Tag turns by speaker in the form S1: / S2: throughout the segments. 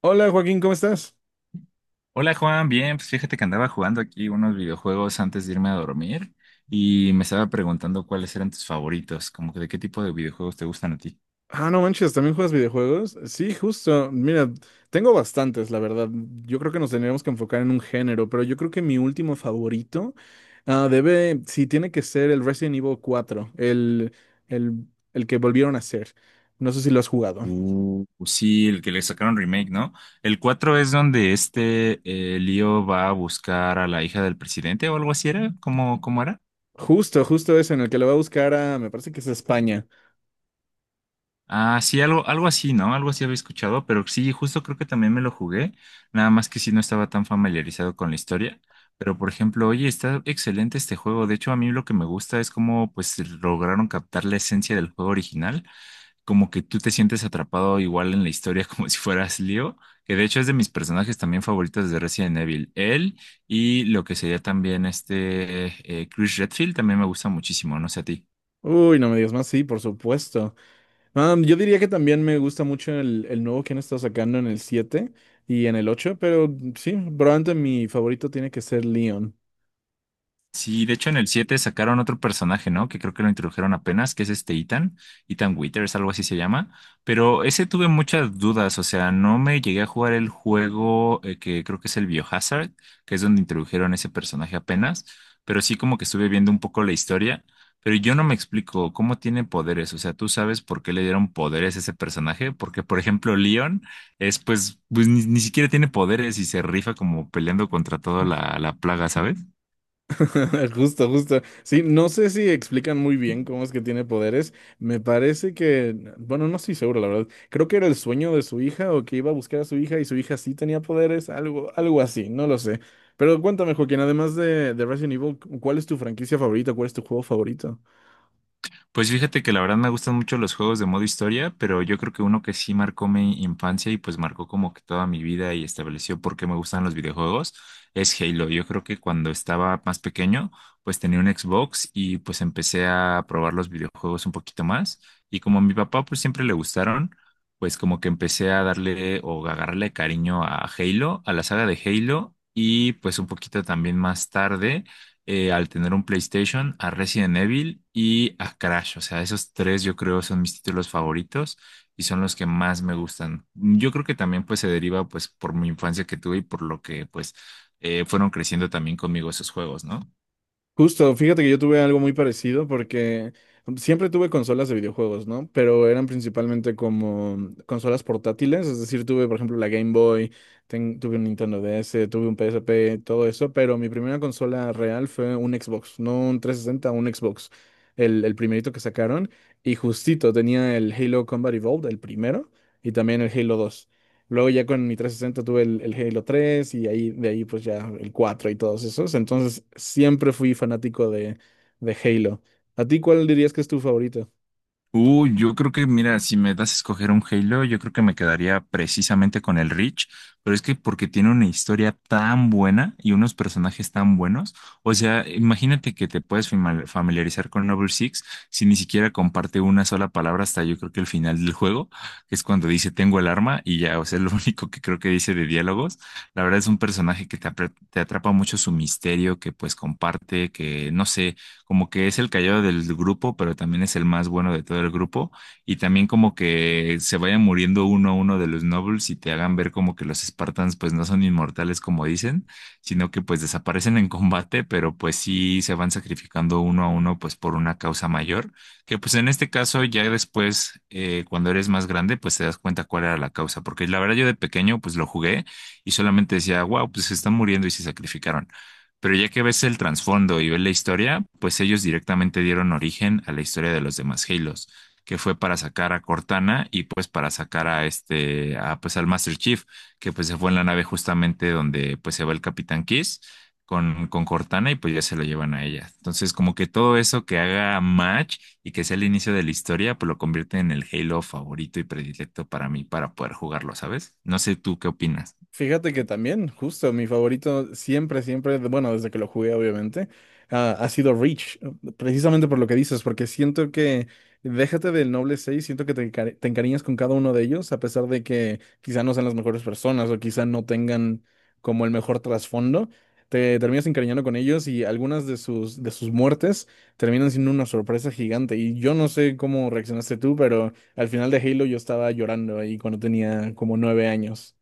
S1: Hola Joaquín, ¿cómo estás?
S2: Hola Juan, bien, pues fíjate que andaba jugando aquí unos videojuegos antes de irme a dormir y me estaba preguntando cuáles eran tus favoritos, como que de qué tipo de videojuegos te gustan a ti.
S1: No manches, ¿también juegas videojuegos? Sí, justo. Mira, tengo bastantes, la verdad. Yo creo que nos tendríamos que enfocar en un género, pero yo creo que mi último favorito sí, tiene que ser el Resident Evil 4, el, el que volvieron a hacer. No sé si lo has jugado.
S2: Pues sí, el que le sacaron remake, ¿no? El 4 es donde Leo va a buscar a la hija del presidente o algo así era, ¿cómo era?
S1: Justo, justo ese en el que lo va a buscar a, me parece que es España.
S2: Ah, sí, algo así, ¿no? Algo así había escuchado, pero sí, justo creo que también me lo jugué, nada más que sí no estaba tan familiarizado con la historia, pero por ejemplo, oye, está excelente este juego, de hecho a mí lo que me gusta es cómo pues lograron captar la esencia del juego original, como que tú te sientes atrapado igual en la historia como si fueras Leo, que de hecho es de mis personajes también favoritos de Resident Evil, él y lo que sería también Chris Redfield también me gusta muchísimo, no sé a ti.
S1: Uy, no me digas más, sí, por supuesto. Yo diría que también me gusta mucho el nuevo que han estado sacando en el 7 y en el 8, pero sí, probablemente mi favorito tiene que ser Leon.
S2: Sí, de hecho en el 7 sacaron otro personaje, ¿no? Que creo que lo introdujeron apenas, que es este Ethan, Ethan Withers, algo así se llama. Pero ese tuve muchas dudas, o sea, no me llegué a jugar el juego que creo que es el Biohazard, que es donde introdujeron ese personaje apenas, pero sí como que estuve viendo un poco la historia, pero yo no me explico cómo tiene poderes, o sea, tú sabes por qué le dieron poderes a ese personaje, porque por ejemplo Leon es pues, pues ni siquiera tiene poderes y se rifa como peleando contra toda la plaga, ¿sabes?
S1: Justo, justo. Sí, no sé si explican muy bien cómo es que tiene poderes. Me parece que, bueno, no estoy seguro, la verdad. Creo que era el sueño de su hija o que iba a buscar a su hija y su hija sí tenía poderes, algo así, no lo sé. Pero cuéntame, Joaquín, además de Resident Evil, ¿cuál es tu franquicia favorita? ¿Cuál es tu juego favorito?
S2: Pues fíjate que la verdad me gustan mucho los juegos de modo historia, pero yo creo que uno que sí marcó mi infancia y pues marcó como que toda mi vida y estableció por qué me gustan los videojuegos es Halo. Yo creo que cuando estaba más pequeño, pues tenía un Xbox y pues empecé a probar los videojuegos un poquito más. Y como a mi papá pues siempre le gustaron, pues como que empecé a darle o a agarrarle cariño a Halo, a la saga de Halo y pues un poquito también más tarde al tener un PlayStation, a Resident Evil y a Crash. O sea, esos tres yo creo son mis títulos favoritos y son los que más me gustan. Yo creo que también pues se deriva pues por mi infancia que tuve y por lo que pues fueron creciendo también conmigo esos juegos, ¿no?
S1: Justo, fíjate que yo tuve algo muy parecido porque siempre tuve consolas de videojuegos, ¿no? Pero eran principalmente como consolas portátiles, es decir, tuve por ejemplo la Game Boy, tuve un Nintendo DS, tuve un PSP, todo eso, pero mi primera consola real fue un Xbox, no un 360 un Xbox, el primerito que sacaron, y justito tenía el Halo Combat Evolved, el primero, y también el Halo dos. Luego ya con mi 360 tuve el Halo 3 y ahí, de ahí pues ya el 4 y todos esos. Entonces siempre fui fanático de Halo. ¿A ti cuál dirías que es tu favorito?
S2: Uy, yo creo que, mira, si me das a escoger un Halo, yo creo que me quedaría precisamente con el Reach, pero es que porque tiene una historia tan buena y unos personajes tan buenos, o sea, imagínate que te puedes familiarizar con Noble Six si ni siquiera comparte una sola palabra hasta yo creo que el final del juego, que es cuando dice tengo el arma y ya, o sea, lo único que creo que dice de diálogos, la verdad es un personaje que te, te atrapa mucho su misterio, que pues comparte, que no sé como que es el callado del grupo, pero también es el más bueno de todo el grupo. Y también como que se vayan muriendo uno a uno de los nobles y te hagan ver como que los Spartans pues no son inmortales como dicen, sino que pues desaparecen en combate, pero pues sí se van sacrificando uno a uno pues por una causa mayor, que pues en este caso ya después cuando eres más grande pues te das cuenta cuál era la causa, porque la verdad yo de pequeño pues lo jugué y solamente decía, wow, pues se están muriendo y se sacrificaron, pero ya que ves el trasfondo y ves la historia, pues ellos directamente dieron origen a la historia de los demás Halos, que fue para sacar a Cortana y pues para sacar a este, a, pues al Master Chief, que pues se fue en la nave justamente donde pues se va el Capitán Kiss con Cortana y pues ya se lo llevan a ella. Entonces como que todo eso que haga match y que sea el inicio de la historia, pues lo convierte en el Halo favorito y predilecto para mí para poder jugarlo, ¿sabes? No sé tú qué opinas.
S1: Fíjate que también, justo, mi favorito siempre, siempre, bueno, desde que lo jugué, obviamente, ha sido Reach, precisamente por lo que dices, porque siento que, déjate del Noble seis, siento que te encariñas con cada uno de ellos, a pesar de que quizá no sean las mejores personas o quizá no tengan como el mejor trasfondo, te terminas encariñando con ellos, y algunas de sus muertes terminan siendo una sorpresa gigante. Y yo no sé cómo reaccionaste tú, pero al final de Halo yo estaba llorando ahí cuando tenía como 9 años.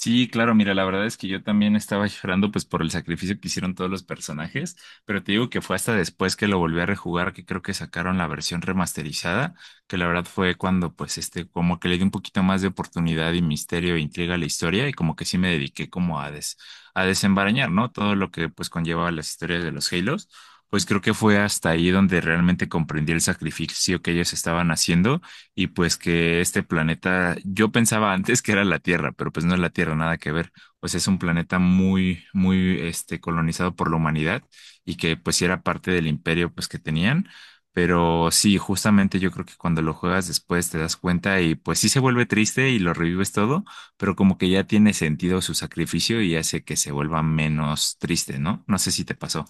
S2: Sí, claro, mira, la verdad es que yo también estaba llorando pues por el sacrificio que hicieron todos los personajes, pero te digo que fue hasta después que lo volví a rejugar que creo que sacaron la versión remasterizada, que la verdad fue cuando pues como que le di un poquito más de oportunidad y misterio e intriga a la historia y como que sí me dediqué como a desembarañar, ¿no? Todo lo que pues conllevaba las historias de los Halos, pues creo que fue hasta ahí donde realmente comprendí el sacrificio que ellos estaban haciendo y pues que este planeta, yo pensaba antes que era la Tierra, pero pues no es la Tierra, nada que ver. Pues es un planeta muy, muy, colonizado por la humanidad y que pues sí era parte del imperio pues que tenían. Pero sí, justamente yo creo que cuando lo juegas después te das cuenta y pues sí se vuelve triste y lo revives todo, pero como que ya tiene sentido su sacrificio y hace que se vuelva menos triste, ¿no? No sé si te pasó.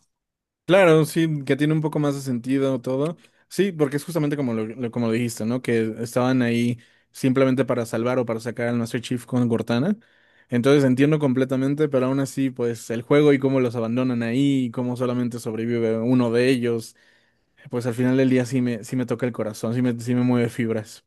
S1: Claro, sí, que tiene un poco más de sentido todo. Sí, porque es justamente como como lo dijiste, ¿no? Que estaban ahí simplemente para salvar o para sacar al Master Chief con Cortana. Entonces entiendo completamente, pero aún así, pues el juego y cómo los abandonan ahí y cómo solamente sobrevive uno de ellos, pues al final del día sí me toca el corazón, sí me mueve fibras.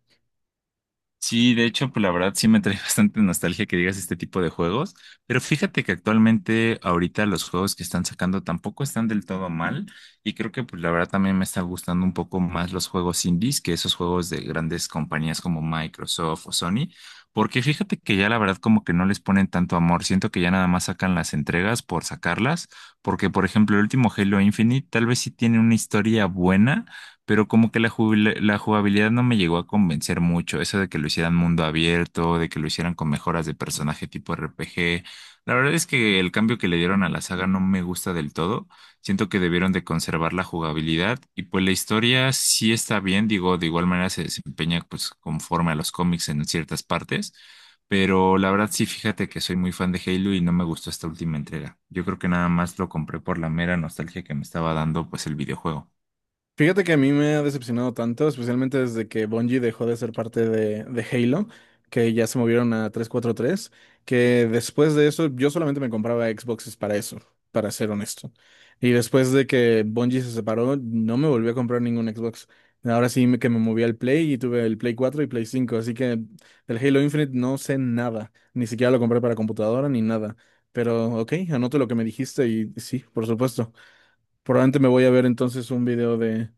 S2: Sí, de hecho, pues la verdad sí me trae bastante nostalgia que digas este tipo de juegos, pero fíjate que actualmente ahorita los juegos que están sacando tampoco están del todo mal y creo que pues la verdad también me está gustando un poco más los juegos indies que esos juegos de grandes compañías como Microsoft o Sony, porque fíjate que ya la verdad como que no les ponen tanto amor, siento que ya nada más sacan las entregas por sacarlas, porque por ejemplo el último Halo Infinite tal vez sí tiene una historia buena, pero como que la, la jugabilidad no me llegó a convencer mucho. Eso de que lo hicieran mundo abierto, de que lo hicieran con mejoras de personaje tipo RPG. La verdad es que el cambio que le dieron a la saga no me gusta del todo. Siento que debieron de conservar la jugabilidad y pues la historia sí está bien, digo, de igual manera se desempeña pues conforme a los cómics en ciertas partes. Pero la verdad sí, fíjate que soy muy fan de Halo y no me gustó esta última entrega. Yo creo que nada más lo compré por la mera nostalgia que me estaba dando pues el videojuego.
S1: Fíjate que a mí me ha decepcionado tanto, especialmente desde que Bungie dejó de ser parte de Halo, que ya se movieron a 343, que después de eso yo solamente me compraba Xboxes para eso, para ser honesto. Y después de que Bungie se separó, no me volví a comprar ningún Xbox. Ahora sí, que me moví al Play y tuve el Play 4 y Play cinco, así que del Halo Infinite no sé nada, ni siquiera lo compré para computadora ni nada. Pero ok, anoto lo que me dijiste y sí, por supuesto. Probablemente me voy a ver entonces un video de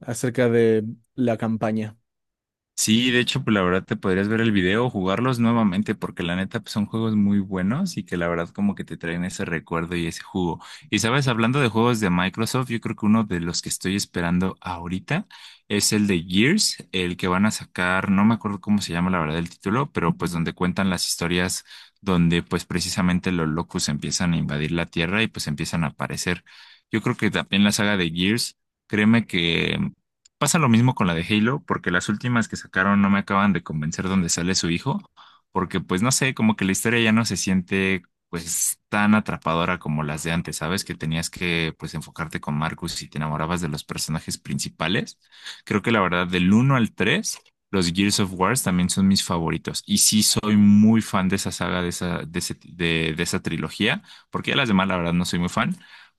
S1: acerca de la campaña.
S2: Sí, de hecho, pues la verdad te podrías ver el video, jugarlos nuevamente, porque la neta pues, son juegos muy buenos y que la verdad como que te traen ese recuerdo y ese jugo. Y sabes, hablando de juegos de Microsoft, yo creo que uno de los que estoy esperando ahorita es el de Gears, el que van a sacar, no me acuerdo cómo se llama la verdad el título, pero pues donde cuentan las historias donde pues precisamente los locos empiezan a invadir la Tierra y pues empiezan a aparecer. Yo creo que también la saga de Gears. Créeme que pasa lo mismo con la de Halo, porque las últimas que sacaron no me acaban de convencer dónde sale su hijo, porque pues no sé, como que la historia ya no se siente pues tan atrapadora como las de antes, ¿sabes? Que tenías que pues enfocarte con Marcus y te enamorabas de los personajes principales. Creo que la verdad del uno al 3 los Gears of Wars también son mis favoritos. Y sí soy muy fan de esa saga, de esa, de ese- de esa trilogía, porque ya las demás la verdad no soy muy fan,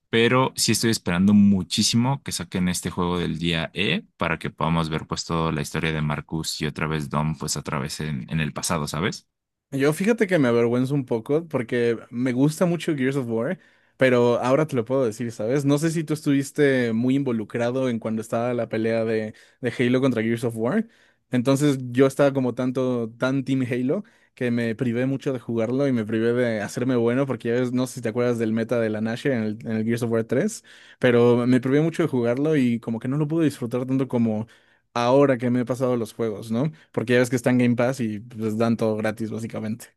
S2: pero sí estoy esperando muchísimo que saquen este juego del día E para que podamos ver pues toda la historia de Marcus y otra vez Dom pues otra vez en el pasado, ¿sabes?
S1: Yo fíjate que me avergüenzo un poco porque me gusta mucho Gears of War, pero ahora te lo puedo decir, ¿sabes? No sé si tú estuviste muy involucrado en cuando estaba la pelea de Halo contra Gears of War. Entonces yo estaba como tan Team Halo, que me privé mucho de jugarlo y me privé de hacerme bueno, porque ya ves, no sé si te acuerdas del meta de la Nashor en el Gears of War 3. Pero me privé mucho de jugarlo y como que no lo pude disfrutar tanto como ahora que me he pasado los juegos, ¿no? Porque ya ves que están Game Pass y pues dan todo gratis, básicamente.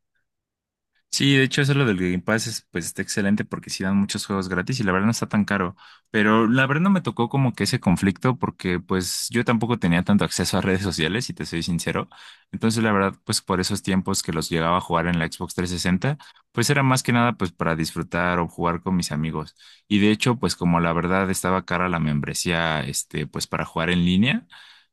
S2: Sí, de hecho eso lo del Game Pass es, pues está excelente porque sí dan muchos juegos gratis y la verdad no está tan caro. Pero la verdad no me tocó como que ese conflicto porque pues yo tampoco tenía tanto acceso a redes sociales, si te soy sincero. Entonces la verdad pues por esos tiempos que los llegaba a jugar en la Xbox 360, pues era más que nada pues para disfrutar o jugar con mis amigos. Y de hecho pues como la verdad estaba cara la membresía este pues para jugar en línea.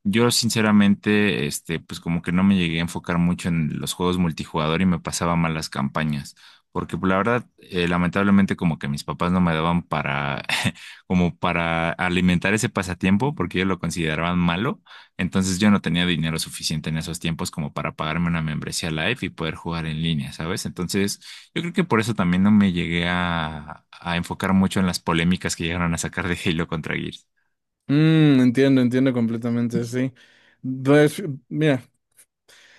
S2: Yo sinceramente, pues como que no me llegué a enfocar mucho en los juegos multijugador y me pasaba mal las campañas, porque pues, la verdad, lamentablemente como que mis papás no me daban para, como para alimentar ese pasatiempo, porque ellos lo consideraban malo, entonces yo no tenía dinero suficiente en esos tiempos como para pagarme una membresía Live y poder jugar en línea, ¿sabes? Entonces yo creo que por eso también no me llegué a enfocar mucho en las polémicas que llegaron a sacar de Halo contra Gears.
S1: Entiendo, entiendo completamente, sí. Pues, mira,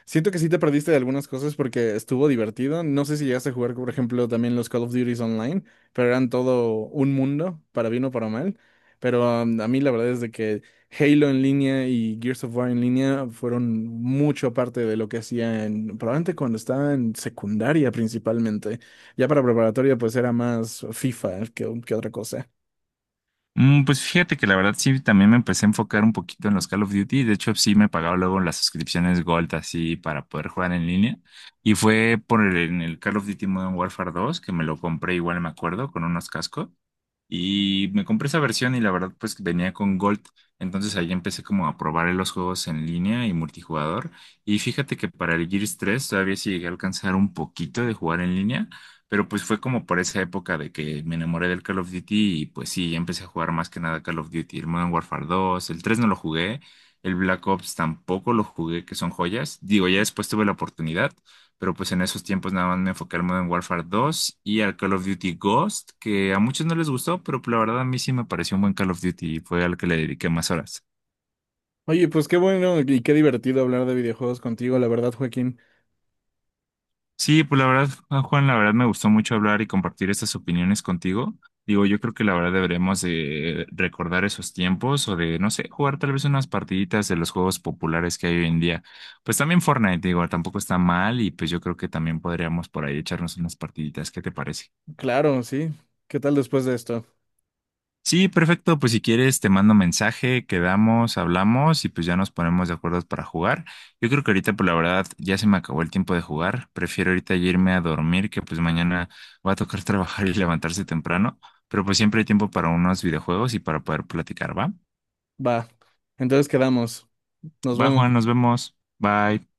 S1: siento que sí te perdiste de algunas cosas porque estuvo divertido. No sé si llegaste a jugar, por ejemplo, también los Call of Duty online, pero eran todo un mundo, para bien o para mal. Pero a mí la verdad es de que Halo en línea y Gears of War en línea fueron mucho parte de lo que hacía en, probablemente cuando estaba en secundaria principalmente. Ya para preparatoria pues era más FIFA que otra cosa.
S2: Pues fíjate que la verdad sí, también me empecé a enfocar un poquito en los Call of Duty. De hecho, sí me pagaba luego las suscripciones Gold así para poder jugar en línea. Y fue por en el Call of Duty Modern Warfare 2 que me lo compré igual, me acuerdo, con unos cascos. Y me compré esa versión y la verdad pues venía con Gold, entonces ahí empecé como a probar los juegos en línea y multijugador. Y fíjate que para el Gears 3 todavía sí llegué a alcanzar un poquito de jugar en línea, pero pues fue como por esa época de que me enamoré del Call of Duty y pues sí, ya empecé a jugar más que nada Call of Duty, el Modern Warfare 2, el 3 no lo jugué, el Black Ops tampoco lo jugué, que son joyas. Digo, ya después tuve la oportunidad. Pero pues en esos tiempos nada más me enfoqué al Modern Warfare 2 y al Call of Duty Ghost, que a muchos no les gustó, pero pues, la verdad a mí sí me pareció un buen Call of Duty y fue al que le dediqué más horas.
S1: Oye, pues qué bueno y qué divertido hablar de videojuegos contigo, la verdad, Joaquín.
S2: Sí, pues la verdad, ah, Juan, la verdad me gustó mucho hablar y compartir estas opiniones contigo. Digo, yo creo que la verdad deberíamos de recordar esos tiempos o de, no sé, jugar tal vez unas partiditas de los juegos populares que hay hoy en día. Pues también Fortnite, digo, tampoco está mal y pues yo creo que también podríamos por ahí echarnos unas partiditas. ¿Qué te parece?
S1: Claro, sí. ¿Qué tal después de esto?
S2: Sí, perfecto. Pues si quieres, te mando mensaje, quedamos, hablamos y pues ya nos ponemos de acuerdo para jugar. Yo creo que ahorita, por la verdad, ya se me acabó el tiempo de jugar. Prefiero ahorita ya irme a dormir, que pues mañana va a tocar trabajar y levantarse temprano. Pero pues siempre hay tiempo para unos videojuegos y para poder platicar, ¿va?
S1: Va. Entonces quedamos. Nos
S2: Va, Juan,
S1: vemos.
S2: nos vemos. Bye.